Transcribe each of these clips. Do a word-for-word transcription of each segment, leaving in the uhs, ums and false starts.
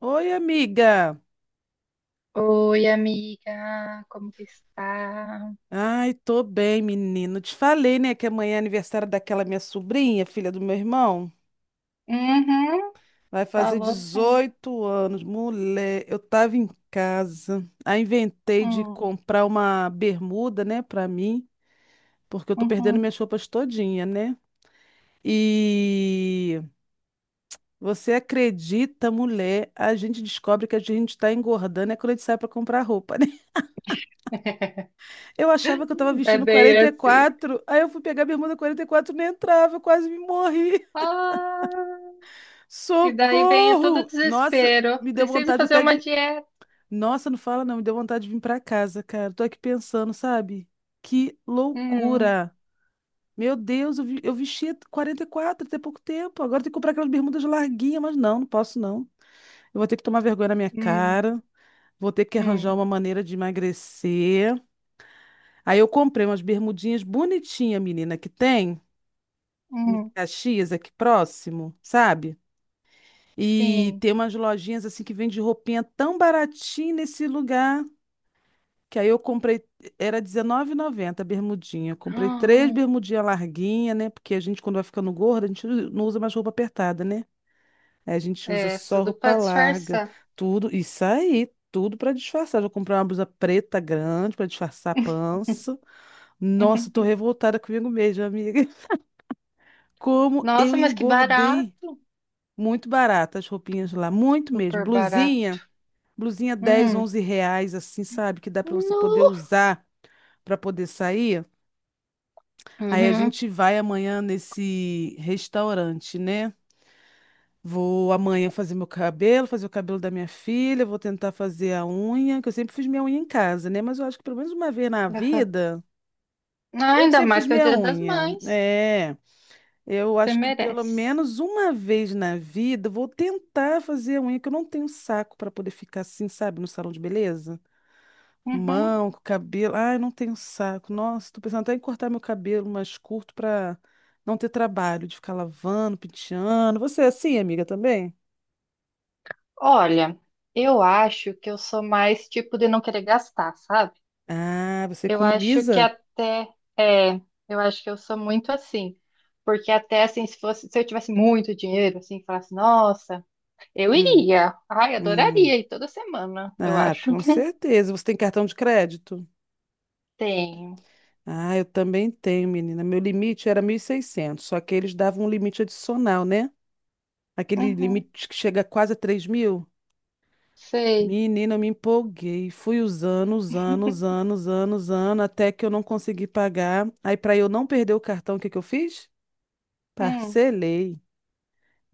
Oi, amiga. Oi, amiga, como que está? Ai, tô bem, menino. Te falei, né, que amanhã é aniversário daquela minha sobrinha, filha do meu irmão. Uhum, Vai fazer falou sim. dezoito anos. Mulher, eu tava em casa. Aí inventei de Hum, comprar uma bermuda, né, pra mim, porque eu tô perdendo uhum. minhas roupas todinha, né? E você acredita, mulher? A gente descobre que a gente tá engordando é quando a gente sai pra comprar roupa, né? Eu achava que eu tava É vestindo bem assim. quarenta e quatro. Aí eu fui pegar a bermuda quarenta e quatro, nem entrava, eu quase me morri. Ah, e daí vem todo o Socorro! Nossa, desespero. me deu Preciso vontade fazer até uma de. dieta. Nossa, não fala não, me deu vontade de vir pra casa, cara. Tô aqui pensando, sabe? Que Hum, loucura! Meu Deus, eu, vi... eu vestia quarenta e quatro até pouco tempo. Agora tem que comprar aquelas bermudas larguinhas, mas não, não posso não. Eu vou ter que tomar vergonha na minha hum, cara. Vou ter que arranjar hum, uma maneira de emagrecer. Aí eu comprei umas bermudinhas bonitinhas, menina, que tem. Em hum. Caxias, aqui próximo, sabe? E Sim. tem umas lojinhas assim que vende roupinha tão baratinha nesse lugar, que aí eu comprei, era dezenove reais e noventa centavos a bermudinha. Eu comprei três Ah, bermudinhas larguinha, né? Porque a gente, quando vai ficando gorda, a gente não usa mais roupa apertada, né? Aí A gente usa é, só tudo para roupa larga, disfarçar. tudo, isso aí, tudo para disfarçar. Já comprei uma blusa preta grande para disfarçar a pança. Nossa, tô revoltada comigo mesma, amiga. Como eu Nossa, mas que engordei. barato. Muito barato as roupinhas lá, muito mesmo. Super barato. Blusinha, blusinha dez Hum. onze reais, assim, sabe? Que dá para você poder No. usar para poder sair. Aí a Uhum. gente vai amanhã nesse restaurante, né? Vou amanhã fazer meu cabelo, fazer o cabelo da minha filha, vou tentar fazer a unha, que eu sempre fiz minha unha em casa, né? Mas eu acho que pelo menos uma vez na Aham. vida, Ah, eu que ainda sempre mais fiz que é o minha Dia das unha. Mães. É. Eu Você acho que pelo merece. menos uma vez na vida eu vou tentar fazer a unha, que eu não tenho saco para poder ficar assim, sabe, no salão de beleza? Com Uhum. mão, com cabelo. Ai, não tenho saco. Nossa, tô pensando até em cortar meu cabelo mais curto para não ter trabalho de ficar lavando, penteando. Você é assim, amiga, também? Olha, eu acho que eu sou mais tipo de não querer gastar, sabe? Ah, você Eu acho que economiza? até é, eu acho que eu sou muito assim. Porque até assim, se fosse, se eu tivesse muito dinheiro, assim, falasse, nossa, eu Hum, iria. Ai, hum. adoraria ir toda semana, eu Ah, acho. com certeza. Você tem cartão de crédito? Tenho. Ah, eu também tenho, menina. Meu limite era mil e seiscentos, só que eles davam um limite adicional, né? Aquele Uhum. limite que chega quase a três mil. Sei. Menina, eu me empolguei. Fui usando, usando, usando, usando, usando, até que eu não consegui pagar. Aí, para eu não perder o cartão, o que que eu fiz? Hum. Parcelei.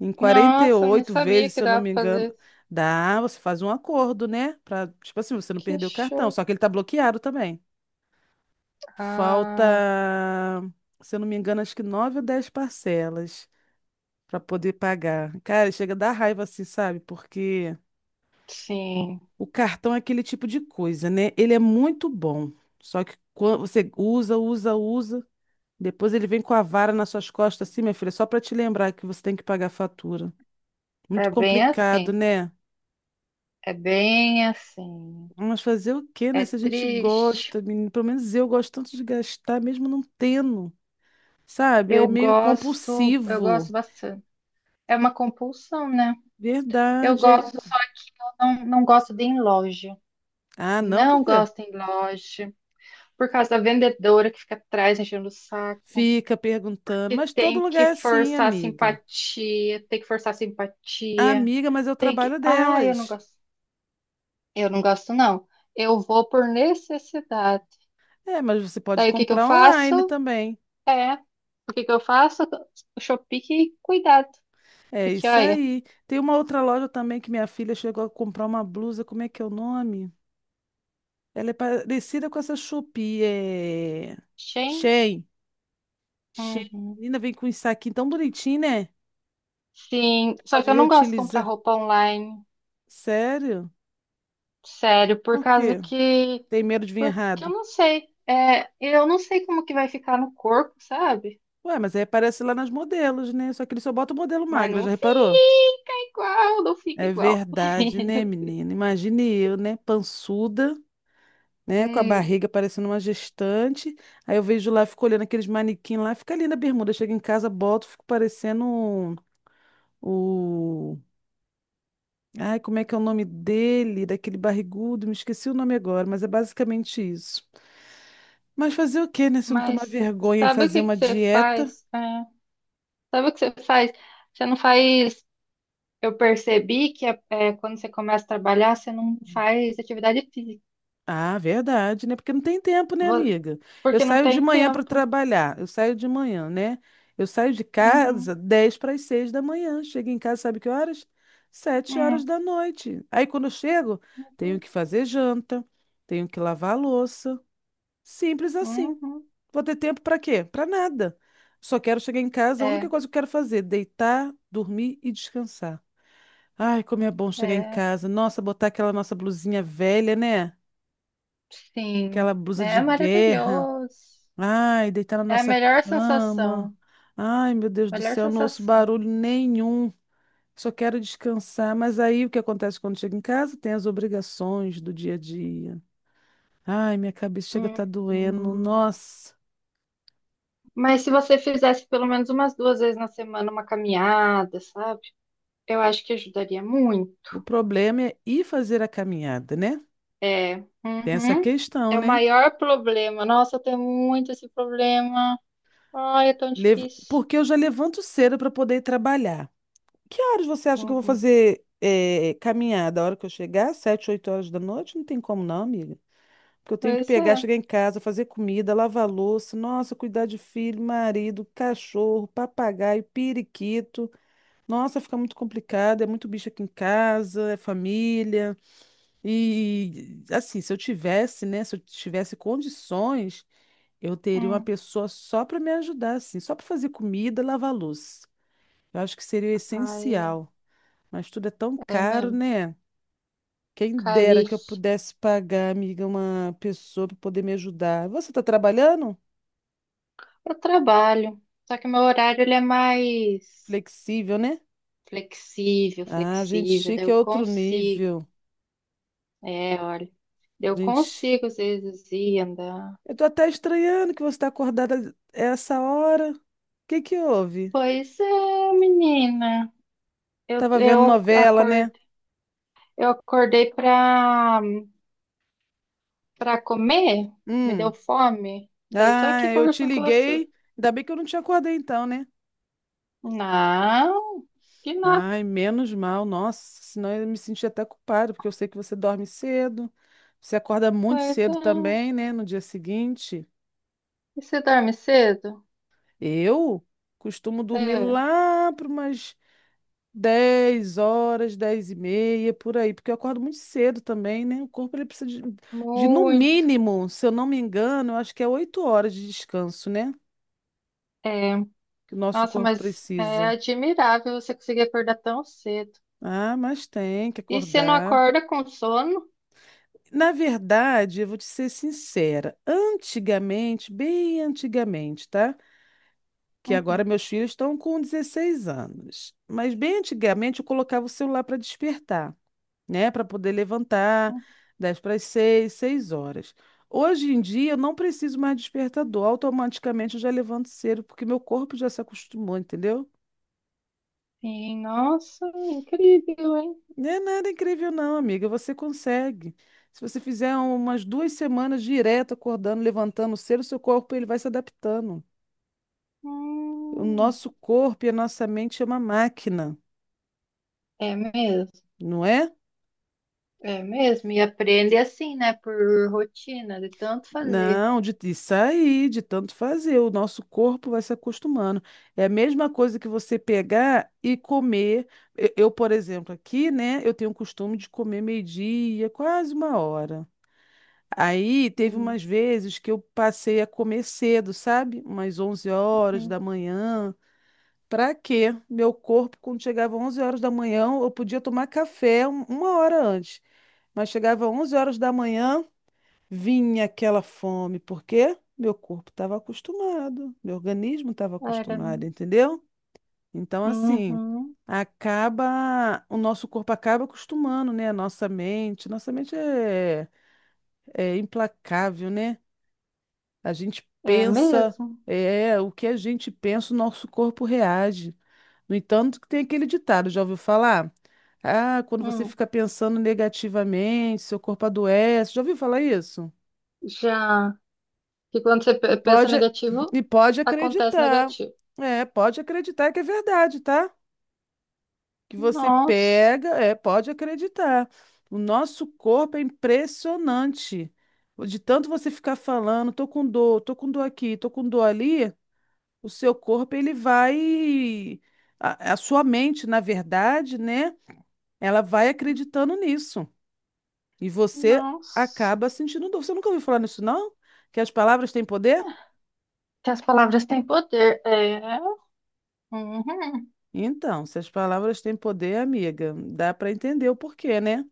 Em quarenta e Nossa, nem oito sabia vezes, que se eu não dava me pra fazer engano. isso. Dá, você faz um acordo, né? Pra, tipo assim, você não Que perder o cartão. show. Só que ele tá bloqueado também. Falta, Ah, se eu não me engano, acho que nove ou dez parcelas para poder pagar. Cara, chega a dar raiva assim, sabe? Porque sim. o cartão é aquele tipo de coisa, né? Ele é muito bom. Só que quando você usa, usa, usa, depois ele vem com a vara nas suas costas, assim, minha filha, só para te lembrar que você tem que pagar a fatura. Muito É bem complicado, assim. né? É bem assim. Mas fazer o quê, É né? Se a gente triste. gosta, menino, pelo menos eu gosto tanto de gastar, mesmo não tendo, sabe? É Eu meio gosto, eu gosto compulsivo. bastante. É uma compulsão, né? Eu Verdade. aí- gosto, só não, não gosto de ir em loja. Ah, não, por Não quê? gosto em loja. Por causa da vendedora que fica atrás enchendo o saco. Fica perguntando, Que mas todo tem que lugar é assim, forçar a amiga. simpatia. Tem que forçar a simpatia. Amiga, mas é o Tem que. trabalho Ah, eu não delas. gosto. Eu não gosto, não. Eu vou por necessidade. É, mas você pode Daí o que que eu comprar online faço? também. É. O que que eu faço? O Shopee, que cuidado. É Porque, isso olha, aí. Tem uma outra loja também que minha filha chegou a comprar uma blusa, como é que é o nome? Ela é parecida com essa Shopee, é... Shein? Shein. Shein. Uhum. Menina, vem com um saquinho tão bonitinho, né? Sim, só Pode que eu não gosto de comprar reutilizar. roupa online, Sério? sério, por Por causa quê? que, Tem medo de vir porque eu errado? não sei, é, eu não sei como que vai ficar no corpo, sabe? Ué, mas aí aparece lá nas modelos, né? Só que ele só bota o modelo Mas magra, não já reparou? fica igual, não fica É igual. verdade, né, menina? Imagine eu, né? Pançuda. Né? Com a Hum, barriga parecendo uma gestante. Aí eu vejo lá, fico olhando aqueles manequim lá, fica ali na bermuda. Chego em casa, boto, fico parecendo um- o. Ai, como é que é o nome dele? Daquele barrigudo, me esqueci o nome agora, mas é basicamente isso. Mas fazer o quê, né? Se eu não tomar mas vergonha e sabe o fazer que que uma você dieta. faz? É, sabe o que você faz? Você não faz. Eu percebi que é, é, quando você começa a trabalhar, você não faz atividade física, Ah, verdade, né? Porque não tem tempo, né, vo- amiga? Eu porque não saio de tem manhã para tempo. trabalhar, eu saio de manhã, né? Eu saio de Uhum. casa dez para as seis da manhã, chego em casa, sabe que horas? Sete É, horas da noite. Aí quando eu chego, tenho uhum, que fazer janta, tenho que lavar a louça. Simples assim. uhum. Vou ter tempo para quê? Para nada. Só quero chegar em casa, a única É, coisa que eu quero fazer, deitar, dormir e descansar. Ai, como é bom chegar em é, casa. Nossa, botar aquela nossa blusinha velha, né? sim. Aquela blusa É de guerra. maravilhoso. Ai, deitar na É a nossa melhor cama. sensação. Ai, meu Deus do Melhor céu, não ouço sensação. barulho nenhum. Só quero descansar. Mas aí o que acontece quando chego em casa? Tem as obrigações do dia a dia. Ai, minha cabeça chega a Hum, estar doendo. hum. Nossa, Mas se você fizesse pelo menos umas duas vezes na semana uma caminhada, sabe? Eu acho que ajudaria muito. o problema é ir fazer a caminhada, né? É, Tem essa uhum. questão, É o né? maior problema. Nossa, eu tenho muito esse problema. Ai, é tão Lev- difícil. Porque eu já levanto cedo para poder ir trabalhar. Que horas você acha que eu vou Uhum. fazer eh, caminhada? A hora que eu chegar? Sete, oito horas da noite? Não tem como não, amiga. Porque eu tenho que Pois pegar, é. chegar em casa, fazer comida, lavar louça, nossa, cuidar de filho, marido, cachorro, papagaio, periquito. Nossa, fica muito complicado, é muito bicho aqui em casa, é família. E assim, se eu tivesse, né, se eu tivesse condições, eu teria uma Hum. pessoa só para me ajudar, assim, só para fazer comida, lavar louça. Eu acho que seria Ai, essencial, mas tudo é tão é, é caro, mesmo. né? Quem dera que eu Caríssimo. pudesse pagar, amiga, uma pessoa para poder me ajudar. Você está trabalhando? Eu trabalho, só que meu horário ele é mais Flexível, né? flexível, Ah, gente flexível, daí chique é eu outro consigo. nível. É, olha, eu Gente, consigo às vezes ir andar. eu tô até estranhando que você está acordada essa hora. O que que houve? Pois é, menina. Eu, Tava vendo eu novela, né? acordei, eu acordei pra, pra comer, me deu Hum. fome. Daí tô aqui Ah, eu te conversando com você. liguei. Ainda bem que eu não te acordei então, né? Não, que nada. Ai, menos mal. Nossa, senão eu me senti até culpado, porque eu sei que você dorme cedo. Você acorda muito Pois cedo é. também, né? No dia seguinte. E você dorme cedo? Eu costumo dormir É, lá para umas dez horas, dez e meia, por aí, porque eu acordo muito cedo também, né? O corpo ele precisa de, de, no muito. mínimo, se eu não me engano, eu acho que é oito horas de descanso, né? É. Que o nosso Nossa, corpo mas é precisa. admirável você conseguir acordar tão cedo. Ah, mas tem que E você não acordar. acorda com sono? Na verdade, eu vou te ser sincera, antigamente, bem antigamente, tá? Que agora Uhum. meus filhos estão com dezesseis anos. Mas bem antigamente eu colocava o celular para despertar. Né, para poder levantar, dez para as seis 6 horas. Hoje em dia eu não preciso mais de despertador, automaticamente eu já levanto cedo, porque meu corpo já se acostumou, entendeu? Sim, nossa, incrível, hein? Não é nada incrível não, amiga, você consegue. Se você fizer umas duas semanas direto acordando, levantando cedo, seu corpo ele vai se adaptando. O Hum, nosso corpo e a nossa mente é uma máquina, é mesmo, não é? é mesmo. E aprende assim, né? Por rotina, de tanto fazer. Não, de, de sair, de tanto fazer. O nosso corpo vai se acostumando. É a mesma coisa que você pegar e comer. Eu, eu, por exemplo, aqui, né, eu tenho o costume de comer meio-dia, quase uma hora. Aí teve Uhum. umas vezes que eu passei a comer cedo, sabe? Umas onze horas da manhã. Pra quê? Meu corpo, quando chegava onze horas da manhã, eu podia tomar café um- uma hora antes. Mas chegava onze horas da manhã. Vinha aquela fome, porque meu corpo estava acostumado, meu organismo estava Era. acostumado, entendeu? Então, assim, Uhum. acaba, o nosso corpo acaba acostumando, né? A nossa mente, nossa mente é, é implacável, né? A gente É pensa, mesmo. é, o que a gente pensa, o nosso corpo reage. No entanto, que tem aquele ditado, já ouviu falar? Ah, quando você Hum. fica pensando negativamente, seu corpo adoece. Já ouviu falar isso? Já que quando você E pe- pensa pode, negativo, e pode acontece acreditar. negativo. É, pode acreditar que é verdade, tá? Que você Nossa, pega, é, pode acreditar. O nosso corpo é impressionante. De tanto você ficar falando, tô com dor, tô com dor aqui, tô com dor ali, o seu corpo ele vai a, a sua mente, na verdade, né? Ela vai acreditando nisso. E você nossa. acaba sentindo dor. Você nunca ouviu falar nisso, não? Que as palavras têm poder? Que as palavras têm poder. É. Uhum. Então, se as palavras têm poder, amiga, dá para entender o porquê, né?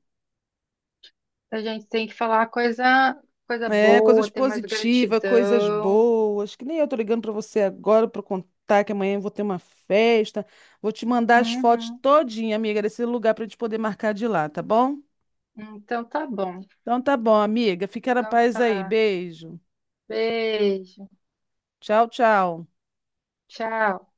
A gente tem que falar coisa, coisa É, coisas boa, ter mais positivas, coisas gratidão. boas, que nem eu tô ligando para você agora para contar que amanhã eu vou ter uma festa. Vou te mandar as fotos Uhum. todinha, amiga, desse lugar para a gente poder marcar de lá, tá bom? Então tá bom. Então tá bom, amiga. Fica na Então paz aí. tá. Beijo. Beijo. Tchau, tchau. Tchau.